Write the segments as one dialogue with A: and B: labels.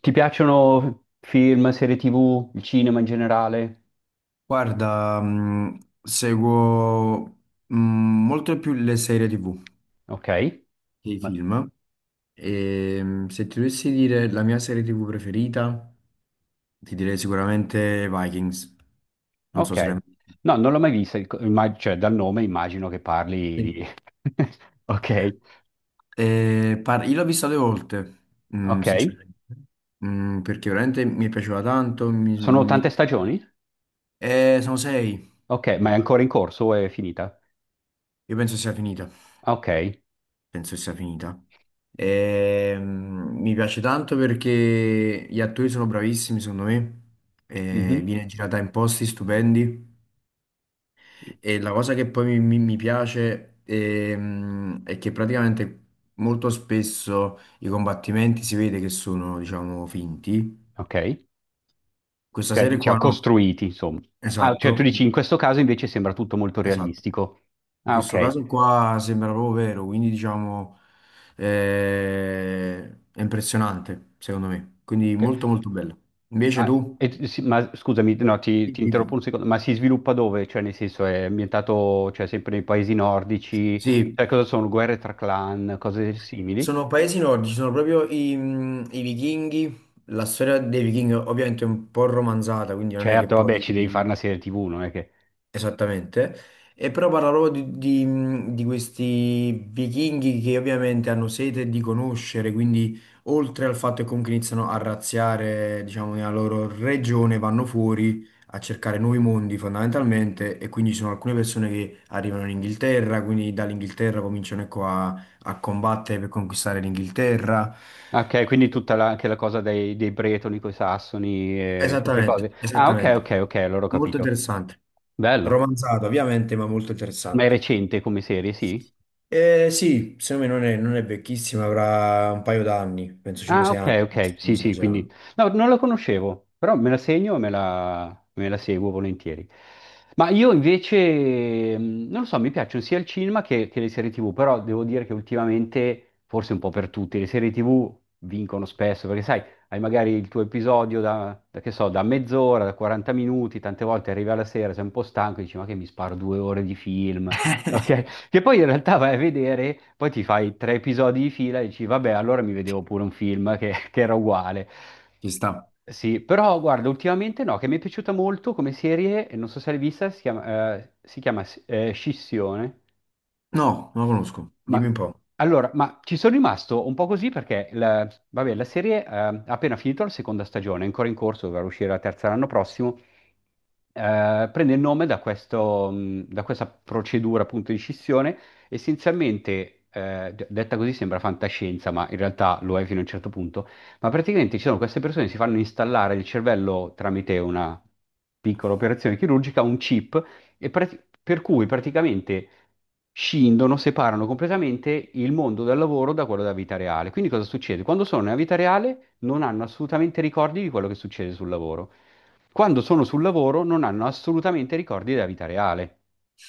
A: Ti piacciono film, serie TV, il cinema in generale?
B: Guarda, seguo molto più le serie TV
A: Ok.
B: che i
A: Ma-
B: film. E se ti dovessi dire la mia serie TV preferita, ti direi sicuramente Vikings. Non so
A: Ok.
B: se l'hai mai vista.
A: No, non l'ho mai vista, il cioè dal nome immagino che parli
B: Sì.
A: di. Ok,
B: Io l'ho vista due volte,
A: ok.
B: sinceramente. Perché veramente mi è piaciuta tanto.
A: Sono tante stagioni?
B: Eh, sono sei.
A: Ok, ma è ancora in corso o è finita?
B: Io penso sia finita.
A: Ok.
B: Penso sia finita. Mi piace tanto perché gli attori sono bravissimi, secondo me. E
A: Mhm.
B: viene girata in posti stupendi. E la cosa che poi mi piace è che praticamente molto spesso i combattimenti si vede che sono, diciamo, finti.
A: Ok.
B: Questa
A: Cioè,
B: serie
A: diciamo,
B: qua no.
A: costruiti, insomma. Ah, cioè tu
B: Esatto,
A: dici, in questo caso invece sembra tutto molto
B: esatto.
A: realistico.
B: In
A: Ah, ok.
B: questo caso qua sembra proprio vero, quindi diciamo eh, è impressionante secondo me, quindi
A: Ok.
B: molto molto bello. Invece
A: Ah,
B: tu?
A: sì, ma scusami, no, ti,
B: Sì,
A: ti interrompo
B: dimmi.
A: un secondo, ma si sviluppa dove? Cioè, nel senso, è ambientato, cioè, sempre nei paesi nordici?
B: Sì,
A: Cioè, cosa sono? Guerre tra clan, cose simili?
B: sono paesi nordici, sono proprio i vichinghi, la storia dei vichinghi ovviamente è un po' romanzata, quindi non è che
A: Certo, vabbè,
B: poi
A: ci devi fare una serie TV, non è che.
B: esattamente. E però parlavo di questi vichinghi che ovviamente hanno sete di conoscere, quindi oltre al fatto che comunque iniziano a razziare, diciamo, nella loro regione, vanno fuori a cercare nuovi mondi fondamentalmente, e quindi ci sono alcune persone che arrivano in Inghilterra, quindi dall'Inghilterra cominciano ecco, a, a combattere per conquistare l'Inghilterra.
A: Ok, quindi anche la cosa dei bretoni con i sassoni e queste
B: Esattamente,
A: cose. Ah, ok,
B: esattamente,
A: ok, ok, allora ho
B: molto
A: capito.
B: interessante,
A: Bello.
B: romanzato ovviamente, ma molto
A: Ma è
B: interessante.
A: recente come serie, sì?
B: Sì, secondo me non è vecchissima, avrà un paio d'anni, penso
A: Ah,
B: 5-6 anni,
A: ok, ok,
B: non
A: sì, sì, quindi.
B: esagerando.
A: No, non lo conoscevo, però me la segno e me la seguo volentieri. Ma io invece, non lo so, mi piacciono sia il cinema che le serie TV, però devo dire che ultimamente, forse un po' per tutti, le serie TV vincono spesso, perché sai, hai magari il tuo episodio da, che so, da mezz'ora, da 40 minuti, tante volte arrivi alla sera, sei un po' stanco e dici, ma che mi sparo 2 ore di film, ok? Che poi in realtà vai a vedere, poi ti fai tre episodi di fila e dici, vabbè, allora mi vedevo pure un film che, che era uguale.
B: Ci sta.
A: Sì, però guarda, ultimamente no, che mi è piaciuta molto come serie, e non so se l'hai vista, si chiama Scissione.
B: No, non la conosco.
A: Ma
B: Dimmi un po'.
A: allora, ma ci sono rimasto un po' così perché la, vabbè, la serie ha appena finito la seconda stagione, è ancora in corso, dovrà uscire la terza l'anno prossimo. Prende il nome da, questo, da questa procedura appunto di scissione. Essenzialmente, detta così sembra fantascienza, ma in realtà lo è fino a un certo punto. Ma praticamente ci sono queste persone che si fanno installare il cervello tramite una piccola operazione chirurgica, un chip e per cui praticamente scindono, separano completamente il mondo del lavoro da quello della vita reale. Quindi cosa succede? Quando sono nella vita reale non hanno assolutamente ricordi di quello che succede sul lavoro. Quando sono sul lavoro non hanno assolutamente ricordi della vita reale.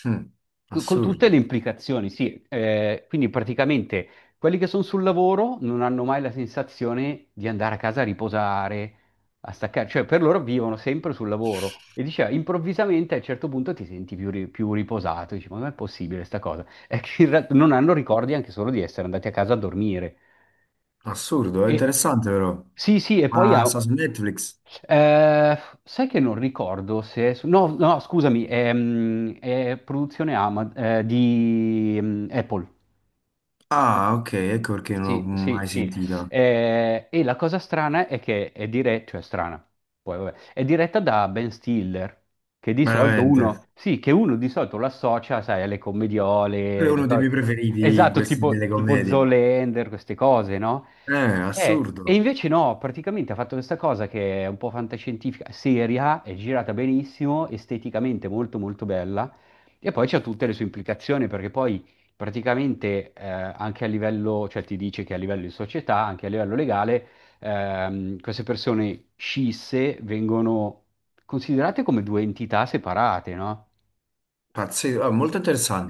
B: Mm,
A: Con tutte le
B: assurdo.
A: implicazioni, sì. Quindi praticamente quelli che sono sul lavoro non hanno mai la sensazione di andare a casa a riposare, a staccare, cioè per loro vivono sempre sul lavoro. E diceva, improvvisamente a un certo punto ti senti più riposato, dici, ma non è possibile sta cosa? È che in realtà non hanno ricordi anche solo di essere andati a casa a dormire.
B: Assurdo, è
A: E-
B: interessante però.
A: sì, sì, e poi
B: Ma
A: ha.
B: sta su Netflix?
A: eh, Sai che non ricordo se, no, no, scusami, è produzione di Apple.
B: Ah, ok, ecco perché non l'ho
A: Sì, sì,
B: mai
A: sì.
B: sentita.
A: E la cosa strana è che è diretta, cioè strana, poi vabbè, è diretta da Ben Stiller, che di solito
B: Veramente.
A: uno, sì, che uno di solito lo associa, sai, alle
B: Quello
A: commediole,
B: è uno dei miei preferiti in
A: esatto,
B: queste
A: tipo,
B: delle
A: tipo
B: commedie.
A: Zoolander, queste cose, no?
B: Eh,
A: E
B: assurdo.
A: invece no, praticamente ha fatto questa cosa che è un po' fantascientifica, seria, è girata benissimo, esteticamente molto molto bella, e poi c'ha tutte le sue implicazioni, perché poi praticamente anche a livello, cioè ti dice che a livello di società, anche a livello legale, queste persone scisse vengono considerate come due entità separate, no?
B: Pazzesco. Ah, molto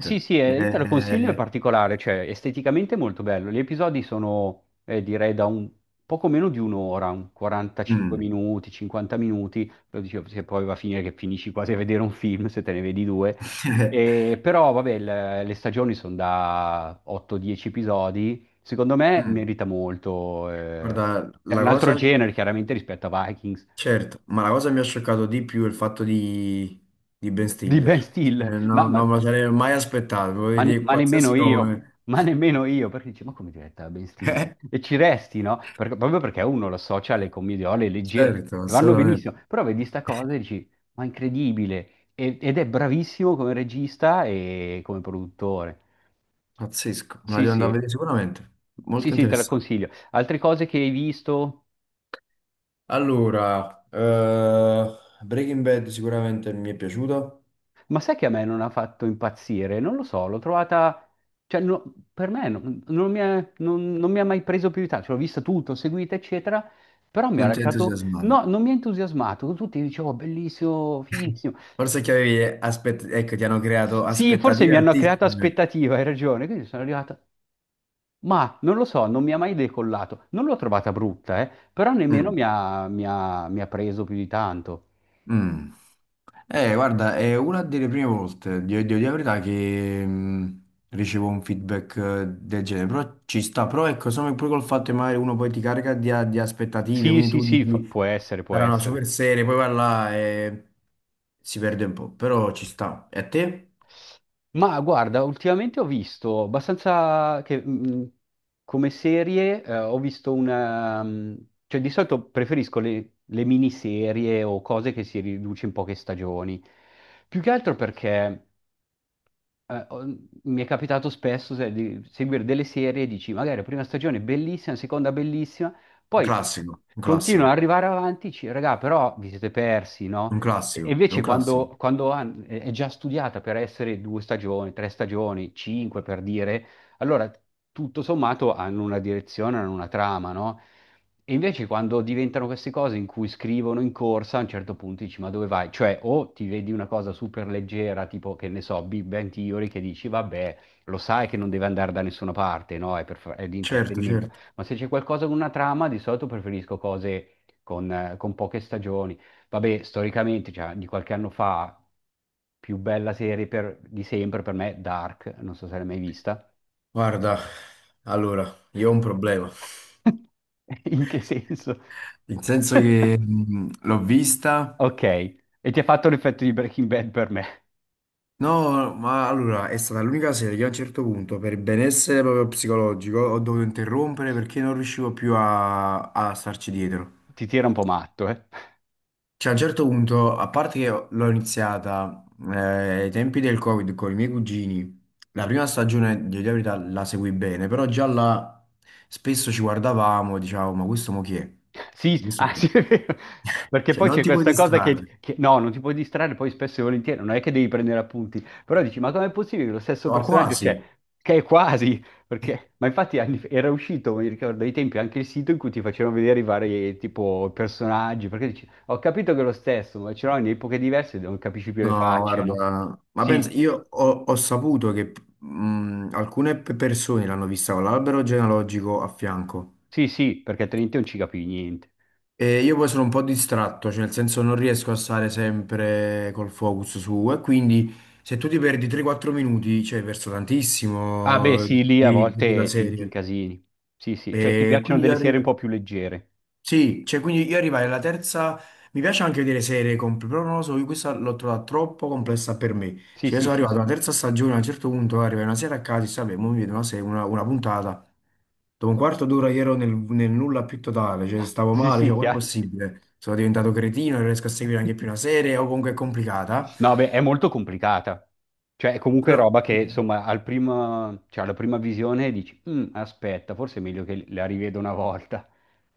A: Sì, sì, io te lo consiglio, è particolare, cioè esteticamente è molto bello. Gli episodi sono, direi, da un poco meno di un'ora, un 45
B: Mm.
A: minuti, 50 minuti, lo dicevo, se poi va a finire che finisci quasi a vedere un film, se te ne vedi due. E, però, vabbè, le stagioni sono da 8-10 episodi, secondo me
B: Mm.
A: merita molto.
B: Guarda,
A: È
B: la
A: un altro
B: cosa.
A: genere, chiaramente, rispetto a Vikings,
B: Certo, ma la cosa che mi ha scioccato di più è il fatto di Ben
A: di Ben
B: Stiller.
A: Stiller, ma, ma
B: Non me lo sarei mai aspettato, volevo
A: Ma, ne-
B: dire
A: ma
B: qualsiasi
A: nemmeno io,
B: nome.
A: ma nemmeno io, perché dici, ma come diretta Ben Stiller?
B: Eh?
A: E ci resti, no? Proprio perché uno lo associa alle commediole leggere, che
B: Certo,
A: vanno
B: assolutamente.
A: benissimo, però vedi sta cosa e dici, ma incredibile, ed è bravissimo come regista e come produttore.
B: Pazzesco, me la
A: Sì,
B: devo andare a
A: sì,
B: vedere sicuramente.
A: sì,
B: Molto
A: sì, te la
B: interessante.
A: consiglio. Altre cose che hai visto?
B: Allora, Breaking Bad sicuramente mi è piaciuta.
A: Ma sai che a me non ha fatto impazzire? Non lo so, l'ho trovata, cioè per me non mi ha mai preso più di tanto, cioè, l'ho vista tutto, seguita, eccetera, però mi ha
B: Non ti ho
A: lasciato,
B: entusiasmato.
A: no, non mi ha entusiasmato, tutti dicevo bellissimo, fighissimo.
B: Forse è che avevi aspett- Ecco, ti hanno creato
A: Sì, forse
B: aspettative
A: mi hanno creato
B: altissime.
A: aspettativa, hai ragione, quindi sono arrivata, ma non lo so, non mi ha mai decollato, non l'ho trovata brutta, però nemmeno mi
B: Mm.
A: ha, mi ha mi ha preso più di tanto.
B: Mm. Guarda, è una delle prime volte, devo dire la verità, che ricevo un feedback del genere, però ci sta, però ecco, secondo me pure col fatto che magari uno poi ti carica di aspettative,
A: Sì,
B: quindi
A: sì,
B: tu
A: sì,
B: dici,
A: può essere, può
B: sarà una
A: essere.
B: super serie, poi va là e si perde un po', però ci sta. E a te?
A: Ma guarda, ultimamente ho visto abbastanza che, come serie, ho visto una, cioè di solito preferisco le miniserie o cose che si riduce in poche stagioni. Più che altro perché eh, ho- mi è capitato spesso di seguire delle serie e dici, magari la prima stagione è bellissima, la seconda bellissima,
B: Un
A: poi
B: classico, un
A: continuano
B: classico,
A: ad arrivare avanti, dici, raga, però vi siete persi, no?
B: un
A: E
B: classico, è un
A: invece
B: classico.
A: quando, quando è già studiata per essere due stagioni, tre stagioni, cinque per dire, allora, tutto sommato hanno una direzione, hanno una trama, no? E invece quando diventano queste cose in cui scrivono in corsa, a un certo punto dici, ma dove vai? Cioè, o ti vedi una cosa super leggera, tipo, che ne so, Big Bang Theory, che dici, vabbè, lo sai che non deve andare da nessuna parte, no? È di
B: Certo,
A: intrattenimento.
B: certo.
A: Ma se c'è qualcosa con una trama, di solito preferisco cose con poche stagioni. Vabbè, storicamente, cioè, di qualche anno fa, più bella serie di sempre per me, Dark, non so se l'hai mai vista.
B: Guarda, allora, io ho un problema,
A: In che senso?
B: nel senso che l'ho vista.
A: Ok, e ti ha fatto l'effetto di Breaking Bad per me.
B: No, ma allora è stata l'unica serie che a un certo punto, per benessere proprio psicologico, ho dovuto interrompere perché non riuscivo più a starci dietro.
A: Ti tira un po' matto, eh?
B: Cioè, a un certo punto, a parte che l'ho iniziata eh, ai tempi del Covid con i miei cugini, la prima stagione di dire la verità la seguì bene, però già là spesso ci guardavamo e dicevamo, ma questo mo chi è?
A: Sì,
B: Questo
A: ah,
B: chi è?
A: sì, è vero. Perché
B: Cioè,
A: poi
B: non
A: c'è
B: ti puoi
A: questa cosa
B: distrarre,
A: no, non ti puoi distrarre poi spesso e volentieri, non è che devi prendere appunti, però dici, ma com'è possibile che lo stesso
B: ma
A: personaggio
B: quasi.
A: c'è? Che è quasi, perché, ma infatti era uscito, mi ricordo, ai tempi anche il sito in cui ti facevano vedere i vari tipo personaggi, perché dici, ho capito che è lo stesso, ma ce l'ho in epoche diverse, non capisci più le
B: No,
A: facce, no?
B: guarda, ma pensa,
A: Sì,
B: io ho, ho saputo che alcune persone l'hanno vista con l'albero genealogico a fianco,
A: sì, sì, perché Trinity non ci capivi niente.
B: e io poi sono un po' distratto, cioè nel senso non riesco a stare sempre col focus su, e quindi se tu ti perdi 3-4 minuti, cioè hai perso
A: Ah, beh,
B: tantissimo
A: sì, lì a
B: di quella
A: volte ti
B: serie.
A: incasini. Sì, sì, cioè ti
B: E
A: piacciono
B: quindi
A: delle
B: arrivi.
A: serie un po' più leggere.
B: Sì, cioè quindi io arrivai alla terza, mi piace anche vedere serie complesse, però non lo so, io questa l'ho trovata troppo complessa per me.
A: Sì,
B: Cioè io
A: sì,
B: sono
A: sì,
B: arrivato
A: sì,
B: alla terza stagione, a un certo punto arrivai una sera a casa e dici, vabbè, mo mi vedo una puntata. Dopo un quarto d'ora io ero nel, nel nulla più totale, cioè stavo
A: sì,
B: male,
A: sì,
B: cioè com'è
A: chiaro.
B: possibile? Sono diventato cretino, non riesco a seguire anche più una serie, o comunque è complicata.
A: No, beh, è molto complicata. Cioè, è comunque
B: Però
A: roba che, insomma, al primo, cioè, alla prima visione dici, "Mm, aspetta, forse è meglio che la rivedo una volta.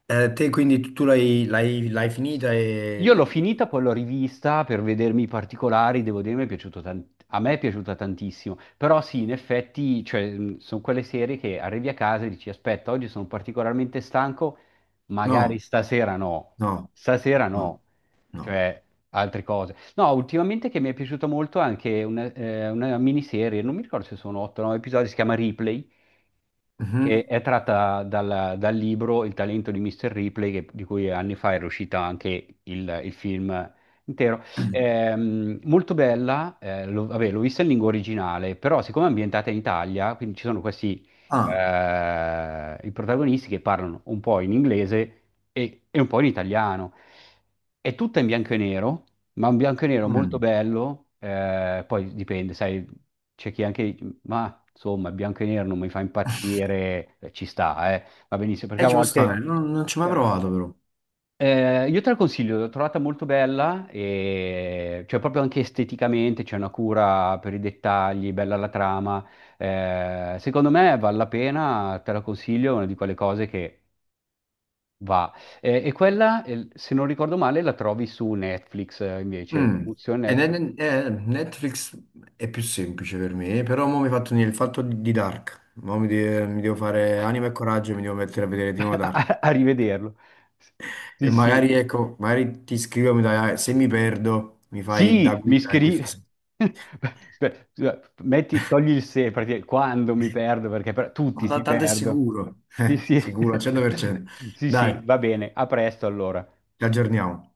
B: te quindi l'hai finita
A: Io l'ho
B: e...
A: finita, poi l'ho rivista per vedermi i particolari, devo dire, mi è piaciuto tan- a me è piaciuta tantissimo, però sì, in effetti, cioè, sono quelle serie che arrivi a casa e dici, aspetta, oggi sono particolarmente stanco, magari
B: No, no,
A: stasera
B: no,
A: no,
B: no.
A: cioè altre cose. No, ultimamente che mi è piaciuta molto anche una miniserie, non mi ricordo se sono 8 o 9 episodi, si chiama Ripley che
B: Mhm.
A: è tratta dal libro Il talento di Mr. Ripley, di cui anni fa era uscita anche il film intero. Molto bella, vabbè, l'ho vista in lingua originale, però siccome è ambientata in Italia, quindi ci sono questi
B: Ah,
A: i protagonisti che parlano un po' in inglese e un po' in italiano. È tutta in bianco e nero, ma un bianco e nero molto
B: mm.
A: bello, poi dipende, sai, c'è chi anche ma insomma, il bianco e nero non mi fa impazzire, ci sta, eh. Va benissimo, perché a
B: Ci può stare,
A: volte.
B: non ci ho mai
A: eh,
B: provato però.
A: io te la consiglio, l'ho trovata molto bella, e. Cioè proprio anche esteticamente c'è una cura per i dettagli, bella la trama. Secondo me vale la pena, te la consiglio, è una di quelle cose che va. E quella, se non ricordo male, la trovi su Netflix, invece,
B: Mm.
A: produzione
B: E
A: Netflix.
B: Netflix è più semplice per me, però mo mi hai fatto venire il fatto di Dark. Mo mi devo fare anima e coraggio e mi devo mettere a vedere di nuovo Dark.
A: A rivederlo.
B: E
A: Sì,
B: magari,
A: sì,
B: ecco, magari ti scrivo, se mi perdo, mi fai da
A: sì, mi
B: guida in
A: scrivi.
B: questa sera.
A: Beh, scusa, metti, togli il se, perché quando mi perdo,
B: Ma
A: tutti si
B: tanto è
A: perdono.
B: sicuro.
A: Sì, sì,
B: Sicuro al 100%.
A: sì,
B: Dai,
A: sì, va bene, a presto allora.
B: ci aggiorniamo.